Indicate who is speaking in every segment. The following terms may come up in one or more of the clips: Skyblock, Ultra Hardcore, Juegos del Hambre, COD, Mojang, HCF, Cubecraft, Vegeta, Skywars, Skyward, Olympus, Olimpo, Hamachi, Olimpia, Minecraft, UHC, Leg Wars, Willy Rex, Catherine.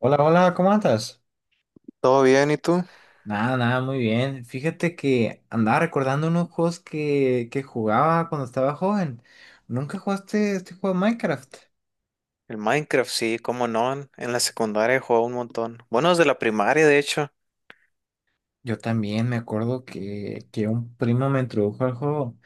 Speaker 1: Hola, hola, ¿cómo andas?
Speaker 2: ¿Todo bien? ¿Y tú?
Speaker 1: Nada, muy bien. Fíjate que andaba recordando unos juegos que jugaba cuando estaba joven. ¿Nunca jugaste este juego de Minecraft?
Speaker 2: El Minecraft, sí, cómo no. En la secundaria jugaba un montón. Bueno, desde la primaria, de hecho.
Speaker 1: Yo también me acuerdo que un primo me introdujo al juego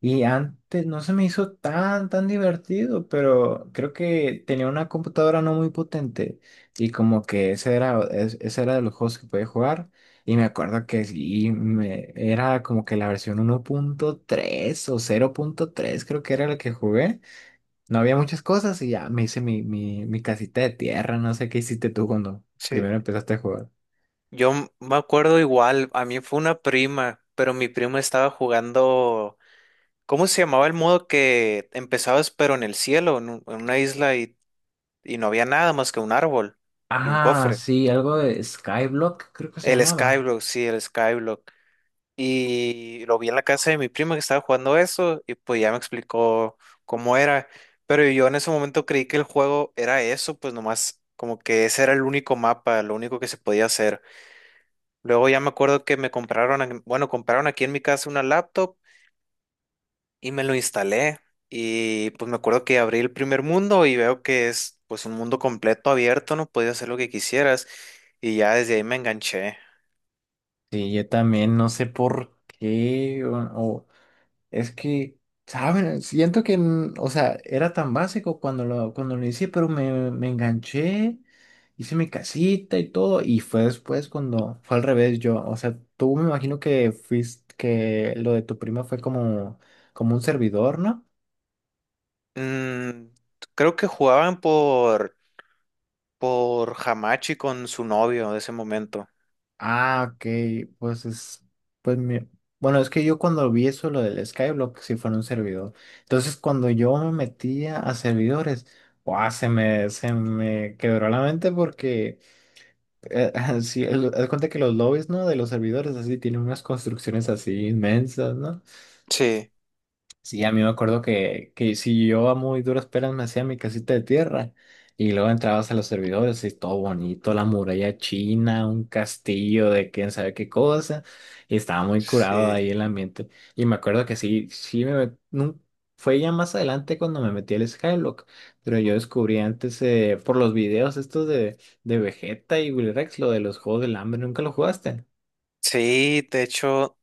Speaker 1: y antes no se me hizo tan divertido, pero creo que tenía una computadora no muy potente y como que ese era de los juegos que podía jugar y me acuerdo que sí, era como que la versión uno punto tres o cero punto tres creo que era la que jugué. No había muchas cosas y ya me hice mi casita de tierra, no sé qué hiciste tú cuando
Speaker 2: Sí.
Speaker 1: primero empezaste a jugar.
Speaker 2: Yo me acuerdo igual, a mí fue una prima, pero mi prima estaba jugando. ¿Cómo se llamaba el modo que empezabas, pero en el cielo, en una isla y no había nada más que un árbol y un
Speaker 1: Ah,
Speaker 2: cofre?
Speaker 1: sí, algo de Skyblock, creo que se
Speaker 2: El
Speaker 1: llamaba.
Speaker 2: Skyblock, sí, el Skyblock. Y lo vi en la casa de mi prima que estaba jugando eso y pues ya me explicó cómo era. Pero yo en ese momento creí que el juego era eso, pues nomás como que ese era el único mapa, lo único que se podía hacer. Luego ya me acuerdo que me compraron, bueno, compraron aquí en mi casa una laptop y me lo instalé. Y pues me acuerdo que abrí el primer mundo y veo que es pues un mundo completo abierto, no podías hacer lo que quisieras. Y ya desde ahí me enganché.
Speaker 1: Sí, yo también no sé por qué, es que, ¿saben? Siento que, o sea, era tan básico cuando cuando lo hice, pero me enganché, hice mi casita y todo, y fue después cuando fue al revés yo, o sea, tú me imagino que fuiste, que lo de tu prima fue como, como un servidor, ¿no?
Speaker 2: Mm, creo que jugaban por Hamachi con su novio de ese momento.
Speaker 1: Ah, ok, pues es, pues mi- bueno, es que yo cuando vi eso, lo del Skyblock, sí fue en un servidor. Entonces, cuando yo me metía a servidores, ¡guau! Se me quebró la mente porque, eh, sí, haz cuenta que los lobbies, ¿no? De los servidores así tienen unas construcciones así inmensas, ¿no?
Speaker 2: Sí,
Speaker 1: Sí, a mí me acuerdo que si yo a muy duras penas me hacía mi casita de tierra y luego entrabas a los servidores y todo bonito, la muralla china, un castillo de quién sabe qué cosa, y estaba muy curado
Speaker 2: sí,
Speaker 1: ahí el ambiente. Y me acuerdo que sí, fue ya más adelante cuando me metí al Skylock, pero yo descubrí antes por los videos de Vegeta y Willy Rex, lo de los Juegos del Hambre, ¿nunca lo jugaste?
Speaker 2: sí, de hecho,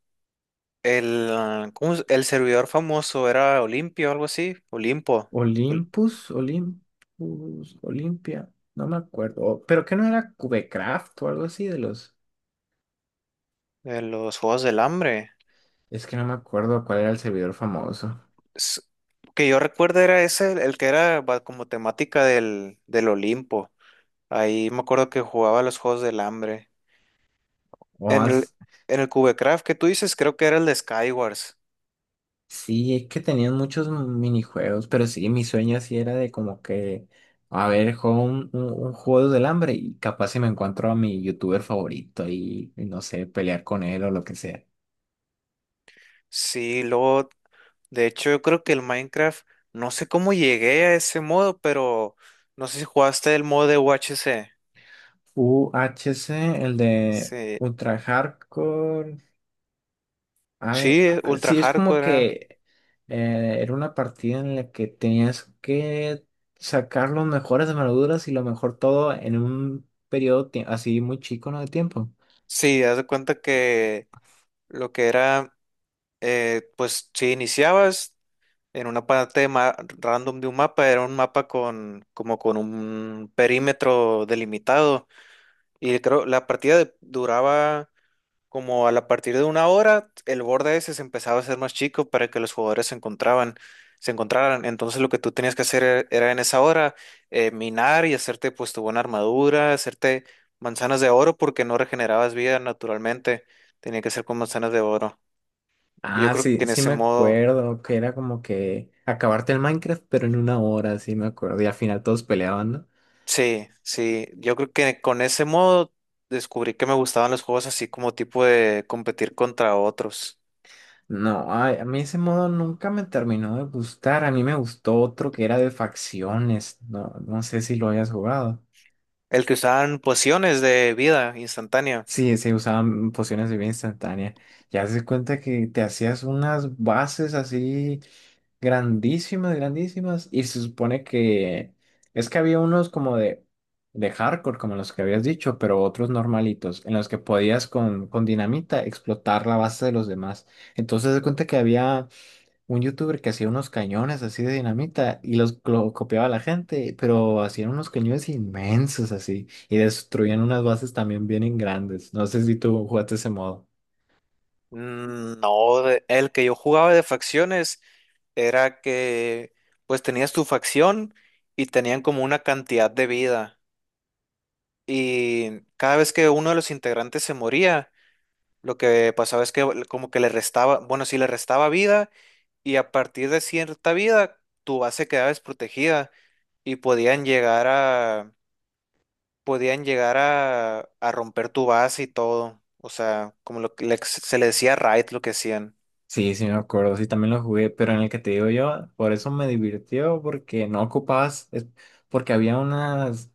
Speaker 2: el, ah, ¿cómo es? El servidor famoso era Olimpio, algo así, Olimpo, Ol-
Speaker 1: Olympus, Olympus, Olimpia, no me acuerdo. Pero que no era Cubecraft o algo así de los.
Speaker 2: de los Juegos del Hambre.
Speaker 1: Es que no me acuerdo cuál era el servidor famoso.
Speaker 2: S- que yo recuerdo era ese, el que era como temática del Olimpo. Ahí me acuerdo que jugaba los Juegos del Hambre.
Speaker 1: O
Speaker 2: En el,
Speaker 1: as-
Speaker 2: en el Cubecraft que tú dices, creo que era el de Skywars.
Speaker 1: Sí, es que tenían muchos minijuegos, pero sí, mi sueño así era de como que, a ver, juego un juego del hambre y capaz si me encuentro a mi youtuber favorito y no sé, pelear con él o lo que sea.
Speaker 2: Sí, luego. De hecho, yo creo que el Minecraft, no sé cómo llegué a ese modo, pero no sé si jugaste el modo de UHC.
Speaker 1: UHC el de
Speaker 2: Sí,
Speaker 1: Ultra Hardcore.
Speaker 2: sí, ultra
Speaker 1: Sí, es como
Speaker 2: hardcore era.
Speaker 1: que era una partida en la que tenías que sacar los mejores armaduras y lo mejor todo en un periodo así muy chico, ¿no? De tiempo.
Speaker 2: Sí, haz de cuenta que lo que era, pues si iniciabas en una parte random de un mapa, era un mapa con como con un perímetro delimitado. Y creo la partida duraba como a la partir de una hora, el borde ese se empezaba a hacer más chico para que los jugadores se encontraban, se encontraran. Entonces lo que tú tenías que hacer era en esa hora, minar y hacerte pues tu buena armadura, hacerte manzanas de oro porque no regenerabas vida naturalmente. Tenía que ser con manzanas de oro. Yo
Speaker 1: Ah,
Speaker 2: creo que
Speaker 1: sí,
Speaker 2: en
Speaker 1: sí
Speaker 2: ese
Speaker 1: me
Speaker 2: modo,
Speaker 1: acuerdo que era como que acabarte el Minecraft, pero en una hora, sí me acuerdo. Y al final todos peleaban, ¿no?
Speaker 2: sí, sí, yo creo que con ese modo descubrí que me gustaban los juegos así como tipo de competir contra otros.
Speaker 1: No, ay, a mí ese modo nunca me terminó de gustar. A mí me gustó otro que era de facciones. No, no sé si lo hayas jugado.
Speaker 2: El que usaban pociones de vida instantánea.
Speaker 1: Sí, se usaban pociones de vida instantánea. Ya se cuenta que te hacías unas bases así grandísimas, grandísimas. Y se supone que es que había unos como de hardcore, como los que habías dicho, pero otros normalitos, en los que podías con dinamita explotar la base de los demás. Entonces se cuenta que había un youtuber que hacía unos cañones así de dinamita y los lo copiaba a la gente, pero hacían unos cañones inmensos así y destruían unas bases también bien grandes. No sé si tú jugaste ese modo.
Speaker 2: Mm, no, el que yo jugaba de facciones era que pues tenías tu facción y tenían como una cantidad de vida y cada vez que uno de los integrantes se moría, lo que pasaba es que como que le restaba, bueno, sí le restaba vida y a partir de cierta vida tu base quedaba desprotegida y podían llegar a, a romper tu base y todo, o sea, como lo que se le decía raid lo que hacían.
Speaker 1: Sí, sí me acuerdo, sí también lo jugué, pero en el que te digo yo, por eso me divirtió, porque no ocupabas, porque había unas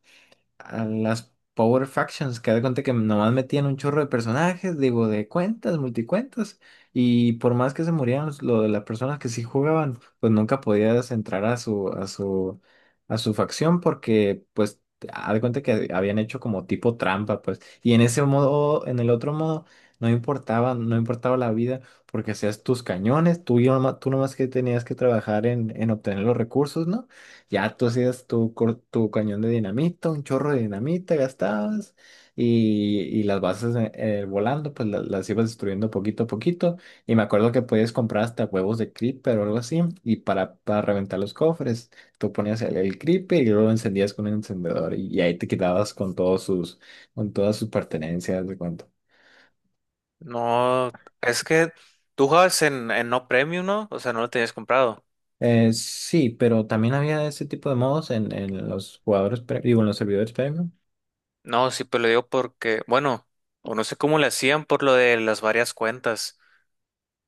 Speaker 1: a las Power Factions, que haz de cuenta que nomás metían un chorro de personajes, digo, de cuentas, multicuentas, y por más que se murieran lo de las personas que sí jugaban, pues nunca podías entrar a a su facción porque, pues, haz de cuenta que habían hecho como tipo trampa, pues, y en ese modo, en el otro modo, no importaba la vida, porque hacías tus cañones, tú, y tú nomás que tenías que trabajar en obtener los recursos, ¿no? Ya tú hacías tu cañón de dinamita, un chorro de dinamita gastabas y las bases volando, las, ibas destruyendo poquito a poquito. Y me acuerdo que podías comprar hasta huevos de creeper o algo así y para reventar los cofres, tú ponías el creeper y luego lo encendías con un encendedor y ahí te quedabas con con todas sus pertenencias de cuento.
Speaker 2: No, es que tú jugabas en No Premium, ¿no? O sea, no lo tenías comprado.
Speaker 1: Sí, pero también había ese tipo de modos en los jugadores, digo, en los servidores premium.
Speaker 2: No, sí, pero lo digo porque, bueno, o no sé cómo le hacían por lo de las varias cuentas,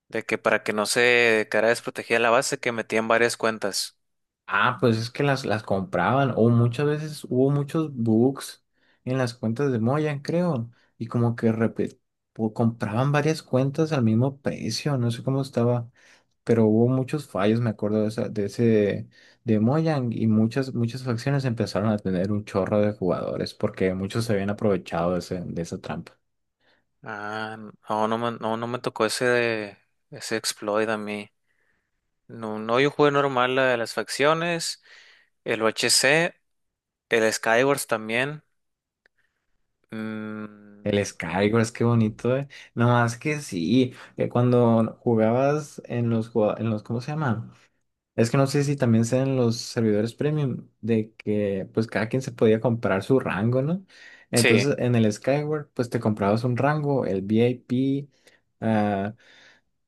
Speaker 2: de que para que no se quedara desprotegida la base, que metían varias cuentas.
Speaker 1: Ah, pues es que las compraban o muchas veces hubo muchos bugs en las cuentas de Moyan, creo, y como que o compraban varias cuentas al mismo precio, no sé cómo estaba, pero hubo muchos fallos, me acuerdo de ese de Mojang y muchas facciones empezaron a tener un chorro de jugadores porque muchos se habían aprovechado de esa trampa.
Speaker 2: Ah, no, no me, no, no me tocó ese, ese exploit a mí. No, no, yo jugué normal la de las facciones, el O H C, el Skywars también.
Speaker 1: El
Speaker 2: Mm,
Speaker 1: Skywars, qué bonito, eh. No más que sí, que cuando jugabas en en los ¿cómo se llama? Es que no sé si también sean los servidores premium, de que pues cada quien se podía comprar su rango, ¿no?
Speaker 2: sí.
Speaker 1: Entonces en el Skyward pues te comprabas un rango, el VIP, ah,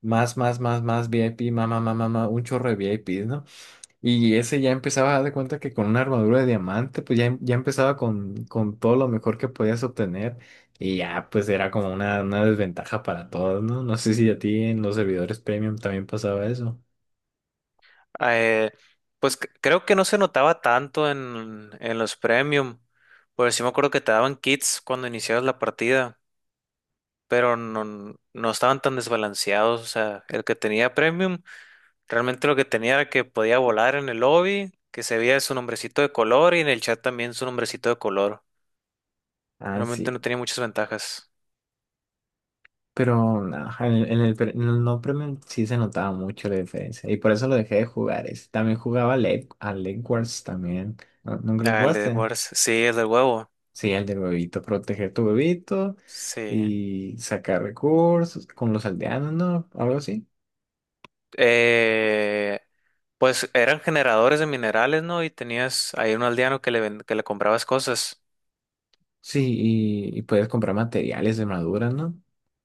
Speaker 1: más VIP, más, un chorro de VIPs, ¿no? Y ese ya empezaba a dar de cuenta que con una armadura de diamante pues ya, ya empezaba con todo lo mejor que podías obtener y ya pues era como una desventaja para todos, ¿no? No sé si a ti en los servidores premium también pasaba eso.
Speaker 2: Eh, pues creo que no se notaba tanto en los premium, porque sí me acuerdo que te daban kits cuando iniciabas la partida, pero no, no estaban tan desbalanceados. O sea, el que tenía premium, realmente lo que tenía era que podía volar en el lobby, que se veía su nombrecito de color y en el chat también su nombrecito de color.
Speaker 1: Ah, sí.
Speaker 2: Realmente no tenía muchas ventajas.
Speaker 1: Pero no, en el en el no premium sí se notaba mucho la diferencia. Y por eso lo dejé de jugar ese. También jugaba a Leg Wars también. ¿Nunca lo
Speaker 2: Ah, el de
Speaker 1: jugaste?
Speaker 2: Wars, sí, el del huevo,
Speaker 1: Sí, el del huevito. Proteger tu huevito
Speaker 2: sí.
Speaker 1: y sacar recursos con los aldeanos, ¿no? Algo así.
Speaker 2: eh, pues eran generadores de minerales, ¿no? Y tenías ahí un aldeano que que le comprabas cosas.
Speaker 1: Sí, y puedes comprar materiales de madura, ¿no?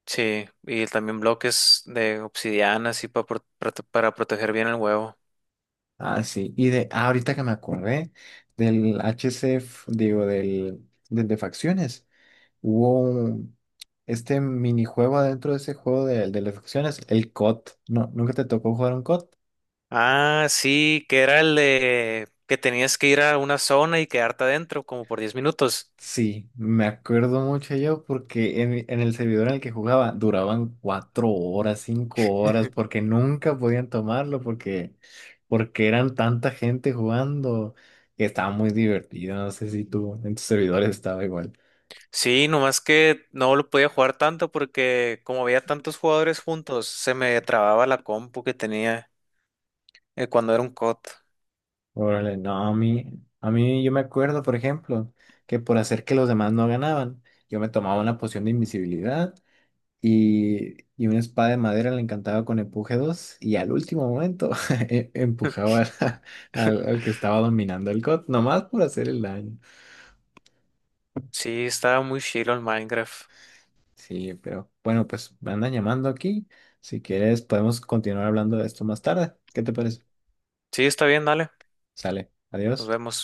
Speaker 2: Sí, y también bloques de obsidiana, así pa para proteger bien el huevo.
Speaker 1: Ah, sí. Y ahorita que me acordé del HCF, digo, del de facciones. Hubo un- este minijuego adentro de ese juego de las acciones, el COD. No, ¿nunca te tocó jugar un COD?
Speaker 2: Ah, sí, que era el de que tenías que ir a una zona y quedarte adentro como por 10 minutos.
Speaker 1: Sí, me acuerdo mucho yo porque en el servidor en el que jugaba duraban 4 horas, 5 horas, porque nunca podían tomarlo, porque eran tanta gente jugando que estaba muy divertido. No sé si tú en tus servidores estaba igual.
Speaker 2: Sí, nomás que no lo podía jugar tanto porque como había tantos jugadores juntos, se me trababa la compu que tenía cuando era un COD.
Speaker 1: Órale, no, a mí yo me acuerdo, por ejemplo, que por hacer que los demás no ganaban, yo me tomaba una poción de invisibilidad y una espada de madera la encantaba con empuje 2 y al último momento e- empujaba a- al que estaba dominando el COD, nomás por hacer el daño.
Speaker 2: Sí, estaba muy chilo el Minecraft.
Speaker 1: Sí, pero bueno, pues me andan llamando aquí. Si quieres, podemos continuar hablando de esto más tarde. ¿Qué te parece?
Speaker 2: Sí, está bien, dale.
Speaker 1: Sale,
Speaker 2: Nos
Speaker 1: adiós.
Speaker 2: vemos.